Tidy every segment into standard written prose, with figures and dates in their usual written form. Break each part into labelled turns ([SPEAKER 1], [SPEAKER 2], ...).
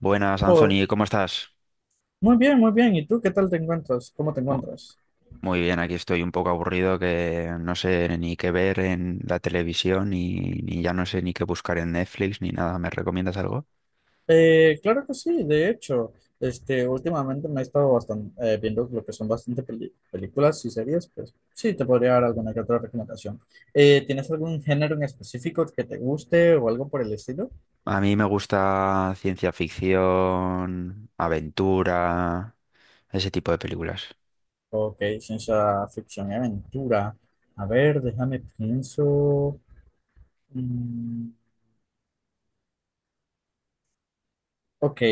[SPEAKER 1] Buenas,
[SPEAKER 2] Oh,
[SPEAKER 1] Anthony, ¿cómo estás?
[SPEAKER 2] muy bien, muy bien. ¿Y tú qué tal te encuentras? ¿Cómo te
[SPEAKER 1] Mu-
[SPEAKER 2] encuentras?
[SPEAKER 1] Muy bien, aquí estoy un poco aburrido que no sé ni qué ver en la televisión ni ya no sé ni qué buscar en Netflix ni nada. ¿Me recomiendas algo?
[SPEAKER 2] Claro que sí, de hecho, últimamente me he estado bastante, viendo lo que son bastante películas y series, pues sí, te podría dar alguna que otra recomendación. ¿tienes algún género en específico que te guste o algo por el estilo?
[SPEAKER 1] A mí me gusta ciencia ficción, aventura, ese tipo de películas.
[SPEAKER 2] Ok, ciencia ficción y aventura. A ver, déjame pienso. Mm, Ok,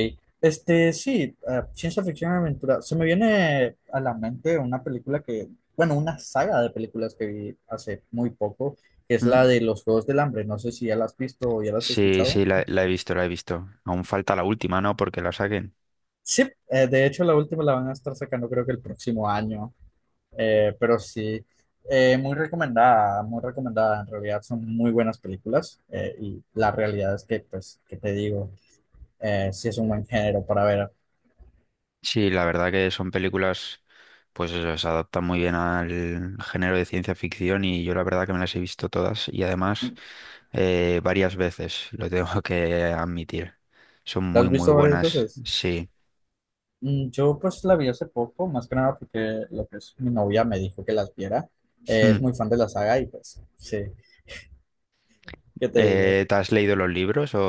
[SPEAKER 2] sí, ciencia ficción y aventura. Se me viene a la mente una película que, bueno, una saga de películas que vi hace muy poco, que es la
[SPEAKER 1] ¿Mm?
[SPEAKER 2] de los Juegos del Hambre. No sé si ya la has visto o ya la has
[SPEAKER 1] Sí,
[SPEAKER 2] escuchado.
[SPEAKER 1] sí, la he visto, la he visto. Aún falta la última, ¿no? Porque la saquen.
[SPEAKER 2] Sí, de hecho la última la van a estar sacando creo que el próximo año. Pero sí, muy recomendada, muy recomendada. En realidad son muy buenas películas, y la realidad es que, pues, que te digo, sí es un buen género para ver.
[SPEAKER 1] Sí, la verdad que son películas, pues eso, se adaptan muy bien al género de ciencia ficción y yo la verdad que me las he visto todas y además varias veces, lo tengo que admitir. Son
[SPEAKER 2] ¿La
[SPEAKER 1] muy,
[SPEAKER 2] has
[SPEAKER 1] muy
[SPEAKER 2] visto varias
[SPEAKER 1] buenas,
[SPEAKER 2] veces?
[SPEAKER 1] sí.
[SPEAKER 2] Yo pues la vi hace poco, más que nada porque lo que es mi novia me dijo que las viera. Es
[SPEAKER 1] Mm.
[SPEAKER 2] muy fan de la saga y pues sí, ¿qué te digo?
[SPEAKER 1] ¿Te has leído los libros o,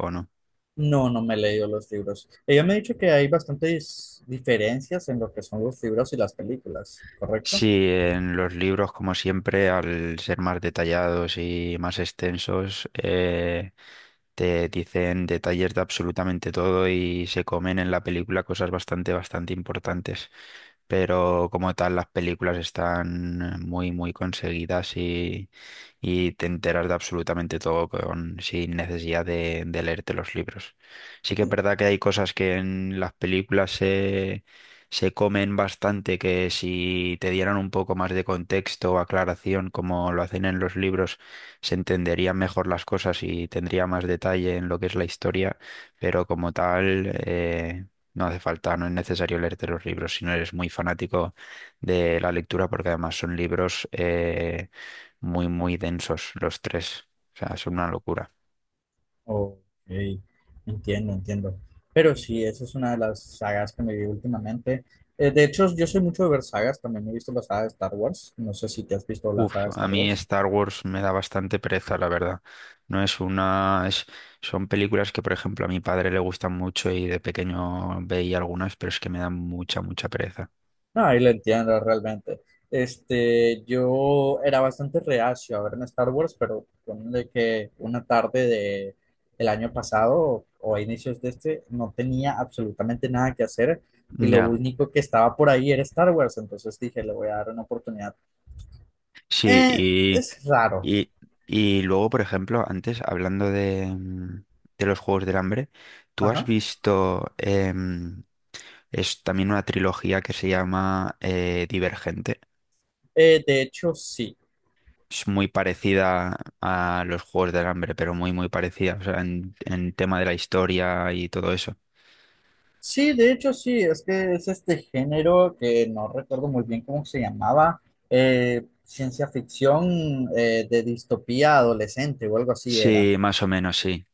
[SPEAKER 1] o no?
[SPEAKER 2] No, no me he leído los libros. Ella me ha dicho que hay bastantes diferencias en lo que son los libros y las películas,
[SPEAKER 1] Sí,
[SPEAKER 2] ¿correcto?
[SPEAKER 1] en los libros, como siempre, al ser más detallados y más extensos, te dicen detalles de absolutamente todo y se comen en la película cosas bastante, bastante importantes. Pero como tal, las películas están muy, muy conseguidas y te enteras de absolutamente todo con, sin necesidad de leerte los libros. Sí que es
[SPEAKER 2] Mm.
[SPEAKER 1] verdad que hay cosas que en las películas se comen bastante, que si te dieran un poco más de contexto o aclaración, como lo hacen en los libros, se entenderían mejor las cosas y tendría más detalle en lo que es la historia, pero como tal, no hace falta, no es necesario leerte los libros si no eres muy fanático de la lectura, porque además son libros muy, muy densos los tres. O sea, son una locura.
[SPEAKER 2] Ok, entiendo, entiendo. Pero sí, esa es una de las sagas que me vi últimamente. De hecho, yo soy mucho de ver sagas, también he visto la saga de Star Wars. No sé si te has visto la saga
[SPEAKER 1] Uf,
[SPEAKER 2] de
[SPEAKER 1] a
[SPEAKER 2] Star
[SPEAKER 1] mí
[SPEAKER 2] Wars.
[SPEAKER 1] Star Wars me da bastante pereza, la verdad. No es una... son películas que, por ejemplo, a mi padre le gustan mucho y de pequeño veía algunas, pero es que me dan mucha, mucha pereza.
[SPEAKER 2] No, ahí lo entiendo realmente. Este, yo era bastante reacio a ver en Star Wars, pero ponle que una tarde de, del año pasado o a inicios de este no tenía absolutamente nada que hacer y lo
[SPEAKER 1] Ya.
[SPEAKER 2] único que estaba por ahí era Star Wars, entonces dije, le voy a dar una oportunidad.
[SPEAKER 1] Sí,
[SPEAKER 2] Eh,
[SPEAKER 1] y,
[SPEAKER 2] es raro.
[SPEAKER 1] y, y luego, por ejemplo, antes, hablando de de los Juegos del Hambre, ¿tú has
[SPEAKER 2] Ajá.
[SPEAKER 1] visto, es también una trilogía que se llama Divergente?
[SPEAKER 2] De hecho, sí.
[SPEAKER 1] Es muy parecida a los Juegos del Hambre, pero muy, muy parecida, o sea, en tema de la historia y todo eso.
[SPEAKER 2] Sí, de hecho sí, es que es este género que no recuerdo muy bien cómo se llamaba, ciencia ficción, de distopía adolescente o algo así era.
[SPEAKER 1] Sí, más o menos, sí.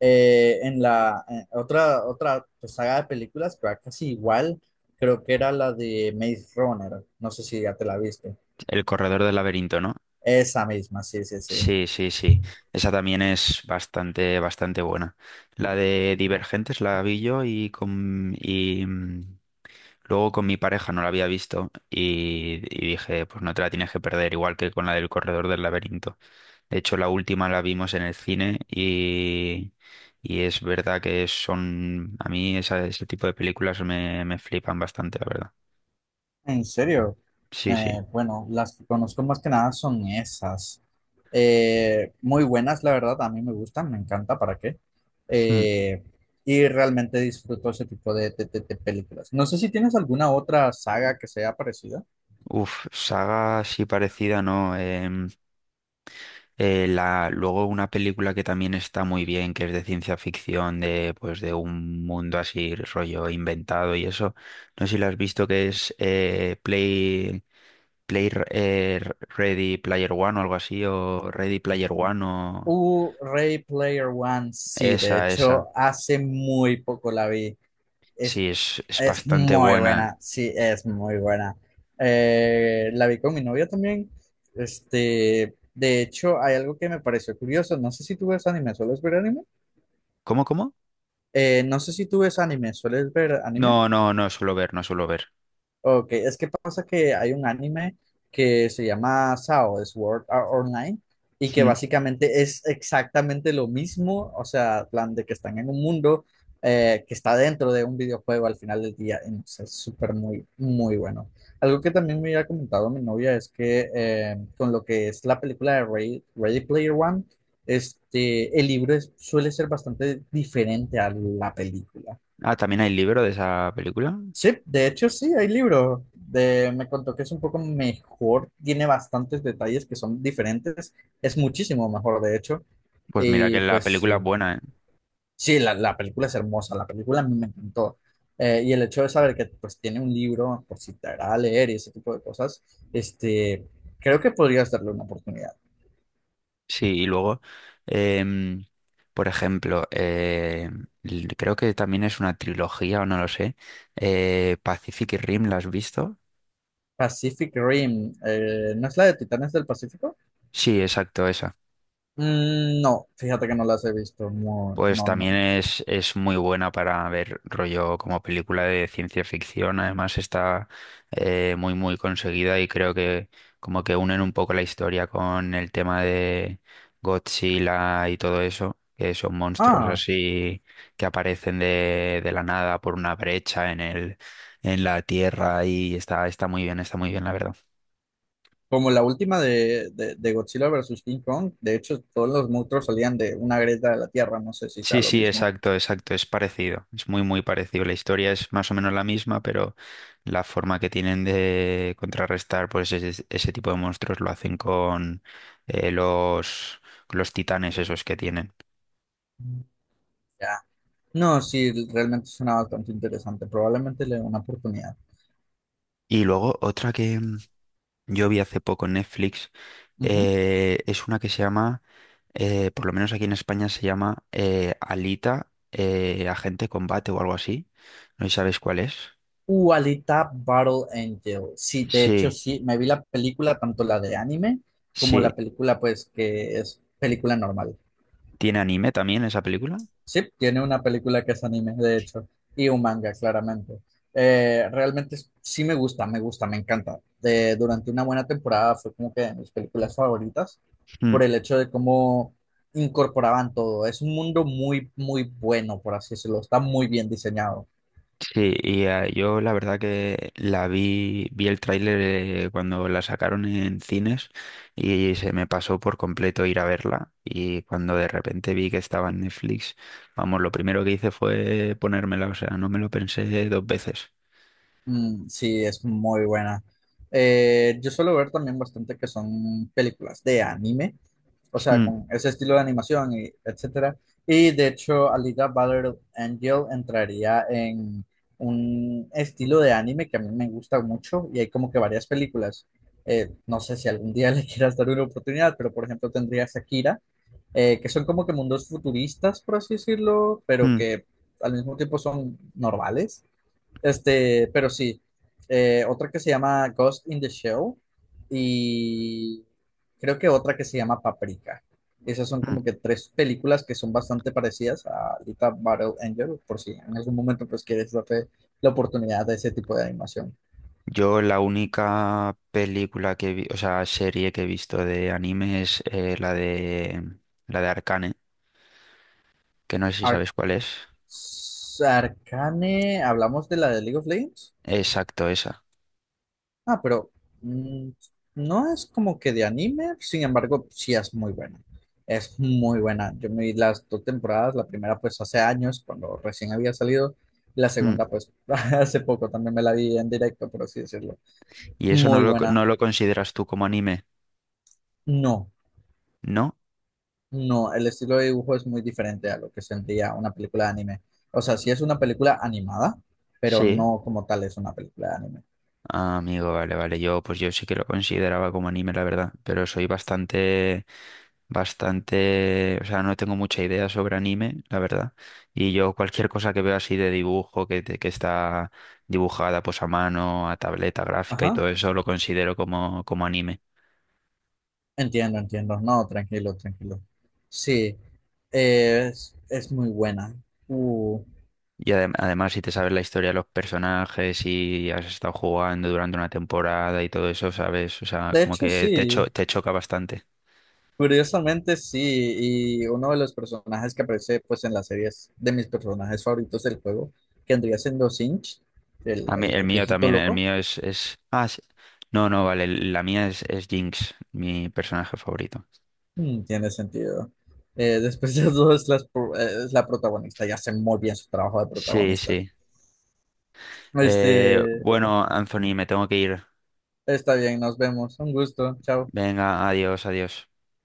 [SPEAKER 2] En la en otra pues, saga de películas que va casi igual, creo que era la de Maze Runner, no sé si ya te la viste.
[SPEAKER 1] El Corredor del Laberinto, ¿no?
[SPEAKER 2] Esa misma, sí, sí, sí.
[SPEAKER 1] Sí, sí, sí. Esa también es bastante, bastante buena. La de Divergentes la vi yo y con y luego con mi pareja no la había visto y dije, pues no te la tienes que perder, igual que con la del Corredor del Laberinto. De hecho, la última la vimos en el cine y es verdad que son, a mí ese tipo de películas me flipan bastante, la verdad.
[SPEAKER 2] En serio,
[SPEAKER 1] Sí, sí.
[SPEAKER 2] Bueno, las que conozco más que nada son esas. Muy buenas, la verdad, a mí me gustan, me encanta, ¿para qué?
[SPEAKER 1] Mm.
[SPEAKER 2] Eh, y realmente disfruto ese tipo de, de películas. No sé si tienes alguna otra saga que sea parecida.
[SPEAKER 1] Uf, saga así parecida, ¿no? Luego una película que también está muy bien, que es de ciencia ficción, de pues de un mundo así rollo inventado y eso. No sé si la has visto que es Ready Player One o algo así, o Ready Player One o
[SPEAKER 2] Ray Player One, sí, de
[SPEAKER 1] Esa, esa.
[SPEAKER 2] hecho, hace muy poco la vi. Es,
[SPEAKER 1] Sí, es
[SPEAKER 2] es
[SPEAKER 1] bastante
[SPEAKER 2] muy
[SPEAKER 1] buena.
[SPEAKER 2] buena, sí, es muy buena. La vi con mi novia también. Este, de hecho, hay algo que me pareció curioso. No sé si tú ves anime, ¿sueles ver anime?
[SPEAKER 1] ¿Cómo, cómo?
[SPEAKER 2] No sé si tú ves anime, ¿sueles ver anime?
[SPEAKER 1] No, no, no suelo ver, no suelo ver.
[SPEAKER 2] Ok, es que pasa que hay un anime que se llama SAO, Sword Art Online, y que
[SPEAKER 1] Mm.
[SPEAKER 2] básicamente es exactamente lo mismo, o sea, plan de que están en un mundo que está dentro de un videojuego al final del día, y no sé, es súper muy, muy bueno. Algo que también me había comentado mi novia es que, con lo que es la película de Ready Player One, el suele ser bastante diferente a la película.
[SPEAKER 1] Ah, también hay libro de esa película.
[SPEAKER 2] Sí, de hecho sí, hay libro. De, me contó que es un poco mejor, tiene bastantes detalles que son diferentes, es muchísimo mejor de hecho.
[SPEAKER 1] Pues mira que
[SPEAKER 2] Y
[SPEAKER 1] la
[SPEAKER 2] pues
[SPEAKER 1] película
[SPEAKER 2] sí,
[SPEAKER 1] es buena, ¿eh?
[SPEAKER 2] sí, la película es hermosa, la película a mí me encantó. Y el hecho de saber que pues tiene un libro por si te agrada leer y ese tipo de cosas, este, creo que podrías darle una oportunidad.
[SPEAKER 1] Sí, y luego, em, por ejemplo, creo que también es una trilogía, o no lo sé, Pacific Rim, ¿la has visto?
[SPEAKER 2] Pacific Rim, ¿no es la de Titanes del Pacífico?
[SPEAKER 1] Sí, exacto, esa.
[SPEAKER 2] Mm, no, fíjate que no las he visto, no,
[SPEAKER 1] Pues
[SPEAKER 2] no, no.
[SPEAKER 1] también es muy buena para ver rollo como película de ciencia ficción. Además está muy muy conseguida y creo que como que unen un poco la historia con el tema de Godzilla y todo eso, que son monstruos
[SPEAKER 2] Ah.
[SPEAKER 1] así que aparecen de la nada por una brecha en en la tierra y está, está muy bien la verdad.
[SPEAKER 2] Como la última de, de Godzilla versus King Kong, de hecho todos los monstruos salían de una grieta de la tierra, no sé si sea
[SPEAKER 1] Sí,
[SPEAKER 2] lo
[SPEAKER 1] sí,
[SPEAKER 2] mismo.
[SPEAKER 1] exacto, exacto, es parecido, es muy, muy parecido. La historia es más o menos la misma, pero la forma que tienen de contrarrestar pues ese tipo de monstruos lo hacen con eh, los, los titanes esos que tienen.
[SPEAKER 2] Ya. No, sí, realmente suena bastante interesante. Probablemente le dé una oportunidad.
[SPEAKER 1] Y luego otra que yo vi hace poco en Netflix
[SPEAKER 2] Ujú.
[SPEAKER 1] es una que se llama, por lo menos aquí en España se llama Alita, Agente Combate o algo así. No sé si sabes cuál es.
[SPEAKER 2] Alita Battle Angel. Sí, de hecho,
[SPEAKER 1] Sí,
[SPEAKER 2] sí, me vi la película, tanto la de anime como
[SPEAKER 1] sí.
[SPEAKER 2] la película, pues, que es película normal.
[SPEAKER 1] ¿Tiene anime también esa película?
[SPEAKER 2] Sí, tiene una película que es anime, de hecho, y un manga, claramente. Realmente sí me gusta, me gusta, me encanta. De, durante una buena temporada fue como que de mis películas favoritas
[SPEAKER 1] Mm.
[SPEAKER 2] por el hecho de cómo incorporaban todo. Es un mundo muy, muy bueno, por así decirlo. Está muy bien diseñado.
[SPEAKER 1] Sí, y ah, yo la verdad que la vi, vi el tráiler cuando la sacaron en cines y se me pasó por completo ir a verla y cuando de repente vi que estaba en Netflix, vamos, lo primero que hice fue ponérmela, o sea, no me lo pensé dos veces.
[SPEAKER 2] Mm, sí, es muy buena. Yo suelo ver también bastante que son películas de anime, o sea,
[SPEAKER 1] Mm,
[SPEAKER 2] con ese estilo de animación, y etcétera. Y de hecho, Alita Battle Angel entraría en un estilo de anime que a mí me gusta mucho y hay como que varias películas. No sé si algún día le quieras dar una oportunidad, pero por ejemplo tendría Akira, que son como que mundos futuristas, por así decirlo, pero
[SPEAKER 1] mm,
[SPEAKER 2] que al mismo tiempo son normales. Pero sí, otra que se llama Ghost in the Shell y creo que otra que se llama Paprika. Esas son como
[SPEAKER 1] mm.
[SPEAKER 2] que tres películas que son bastante parecidas a Alita Battle Angel, por si en algún momento pues quieres darte la oportunidad de ese tipo de animación.
[SPEAKER 1] Yo la única película que vi, o sea, serie que he visto de anime es la de Arcane, que no sé si
[SPEAKER 2] Ar-
[SPEAKER 1] sabes cuál es.
[SPEAKER 2] Arcane, hablamos de la de League of Legends.
[SPEAKER 1] Exacto, esa.
[SPEAKER 2] Ah, pero mm, no es como que de anime, sin embargo, sí es muy buena. Es muy buena. Yo me vi las dos temporadas, la primera pues hace años, cuando recién había salido, la segunda pues hace poco también me la vi en directo, por así decirlo.
[SPEAKER 1] Y eso no
[SPEAKER 2] Muy buena.
[SPEAKER 1] no lo consideras tú como anime,
[SPEAKER 2] No,
[SPEAKER 1] ¿no?
[SPEAKER 2] no, el estilo de dibujo es muy diferente a lo que sentía una película de anime. O sea, sí es una película animada, pero
[SPEAKER 1] Sí.
[SPEAKER 2] no como tal es una película de anime.
[SPEAKER 1] Ah, amigo, vale, vale. Yo, pues yo sí que lo consideraba como anime, la verdad. Pero soy bastante, bastante, o sea, no tengo mucha idea sobre anime, la verdad. Y yo cualquier cosa que veo así de dibujo, que está dibujada pues a mano, a tableta gráfica y
[SPEAKER 2] Ajá.
[SPEAKER 1] todo eso, lo considero como, como anime.
[SPEAKER 2] Entiendo, entiendo. No, tranquilo, tranquilo. Sí, es muy buena. Uh,
[SPEAKER 1] Y además, si te sabes la historia de los personajes y has estado jugando durante una temporada y todo eso, ¿sabes? O sea,
[SPEAKER 2] de
[SPEAKER 1] como
[SPEAKER 2] hecho,
[SPEAKER 1] que
[SPEAKER 2] sí.
[SPEAKER 1] te choca bastante.
[SPEAKER 2] Curiosamente, sí. Y uno de los personajes que aparece pues, en las series de mis personajes favoritos del juego, que andría siendo Sinch, el,
[SPEAKER 1] A mí, el
[SPEAKER 2] el
[SPEAKER 1] mío
[SPEAKER 2] viejito
[SPEAKER 1] también, el
[SPEAKER 2] loco,
[SPEAKER 1] mío es... Ah, sí. No, no, vale, la mía es Jinx, mi personaje favorito.
[SPEAKER 2] mm, tiene sentido. Después de todo, es, las es la protagonista. Ya hace muy bien su trabajo de
[SPEAKER 1] Sí,
[SPEAKER 2] protagonista.
[SPEAKER 1] sí.
[SPEAKER 2] Este,
[SPEAKER 1] Bueno, Anthony, me tengo que ir.
[SPEAKER 2] está bien, nos vemos. Un gusto. Chao.
[SPEAKER 1] Venga, adiós, adiós.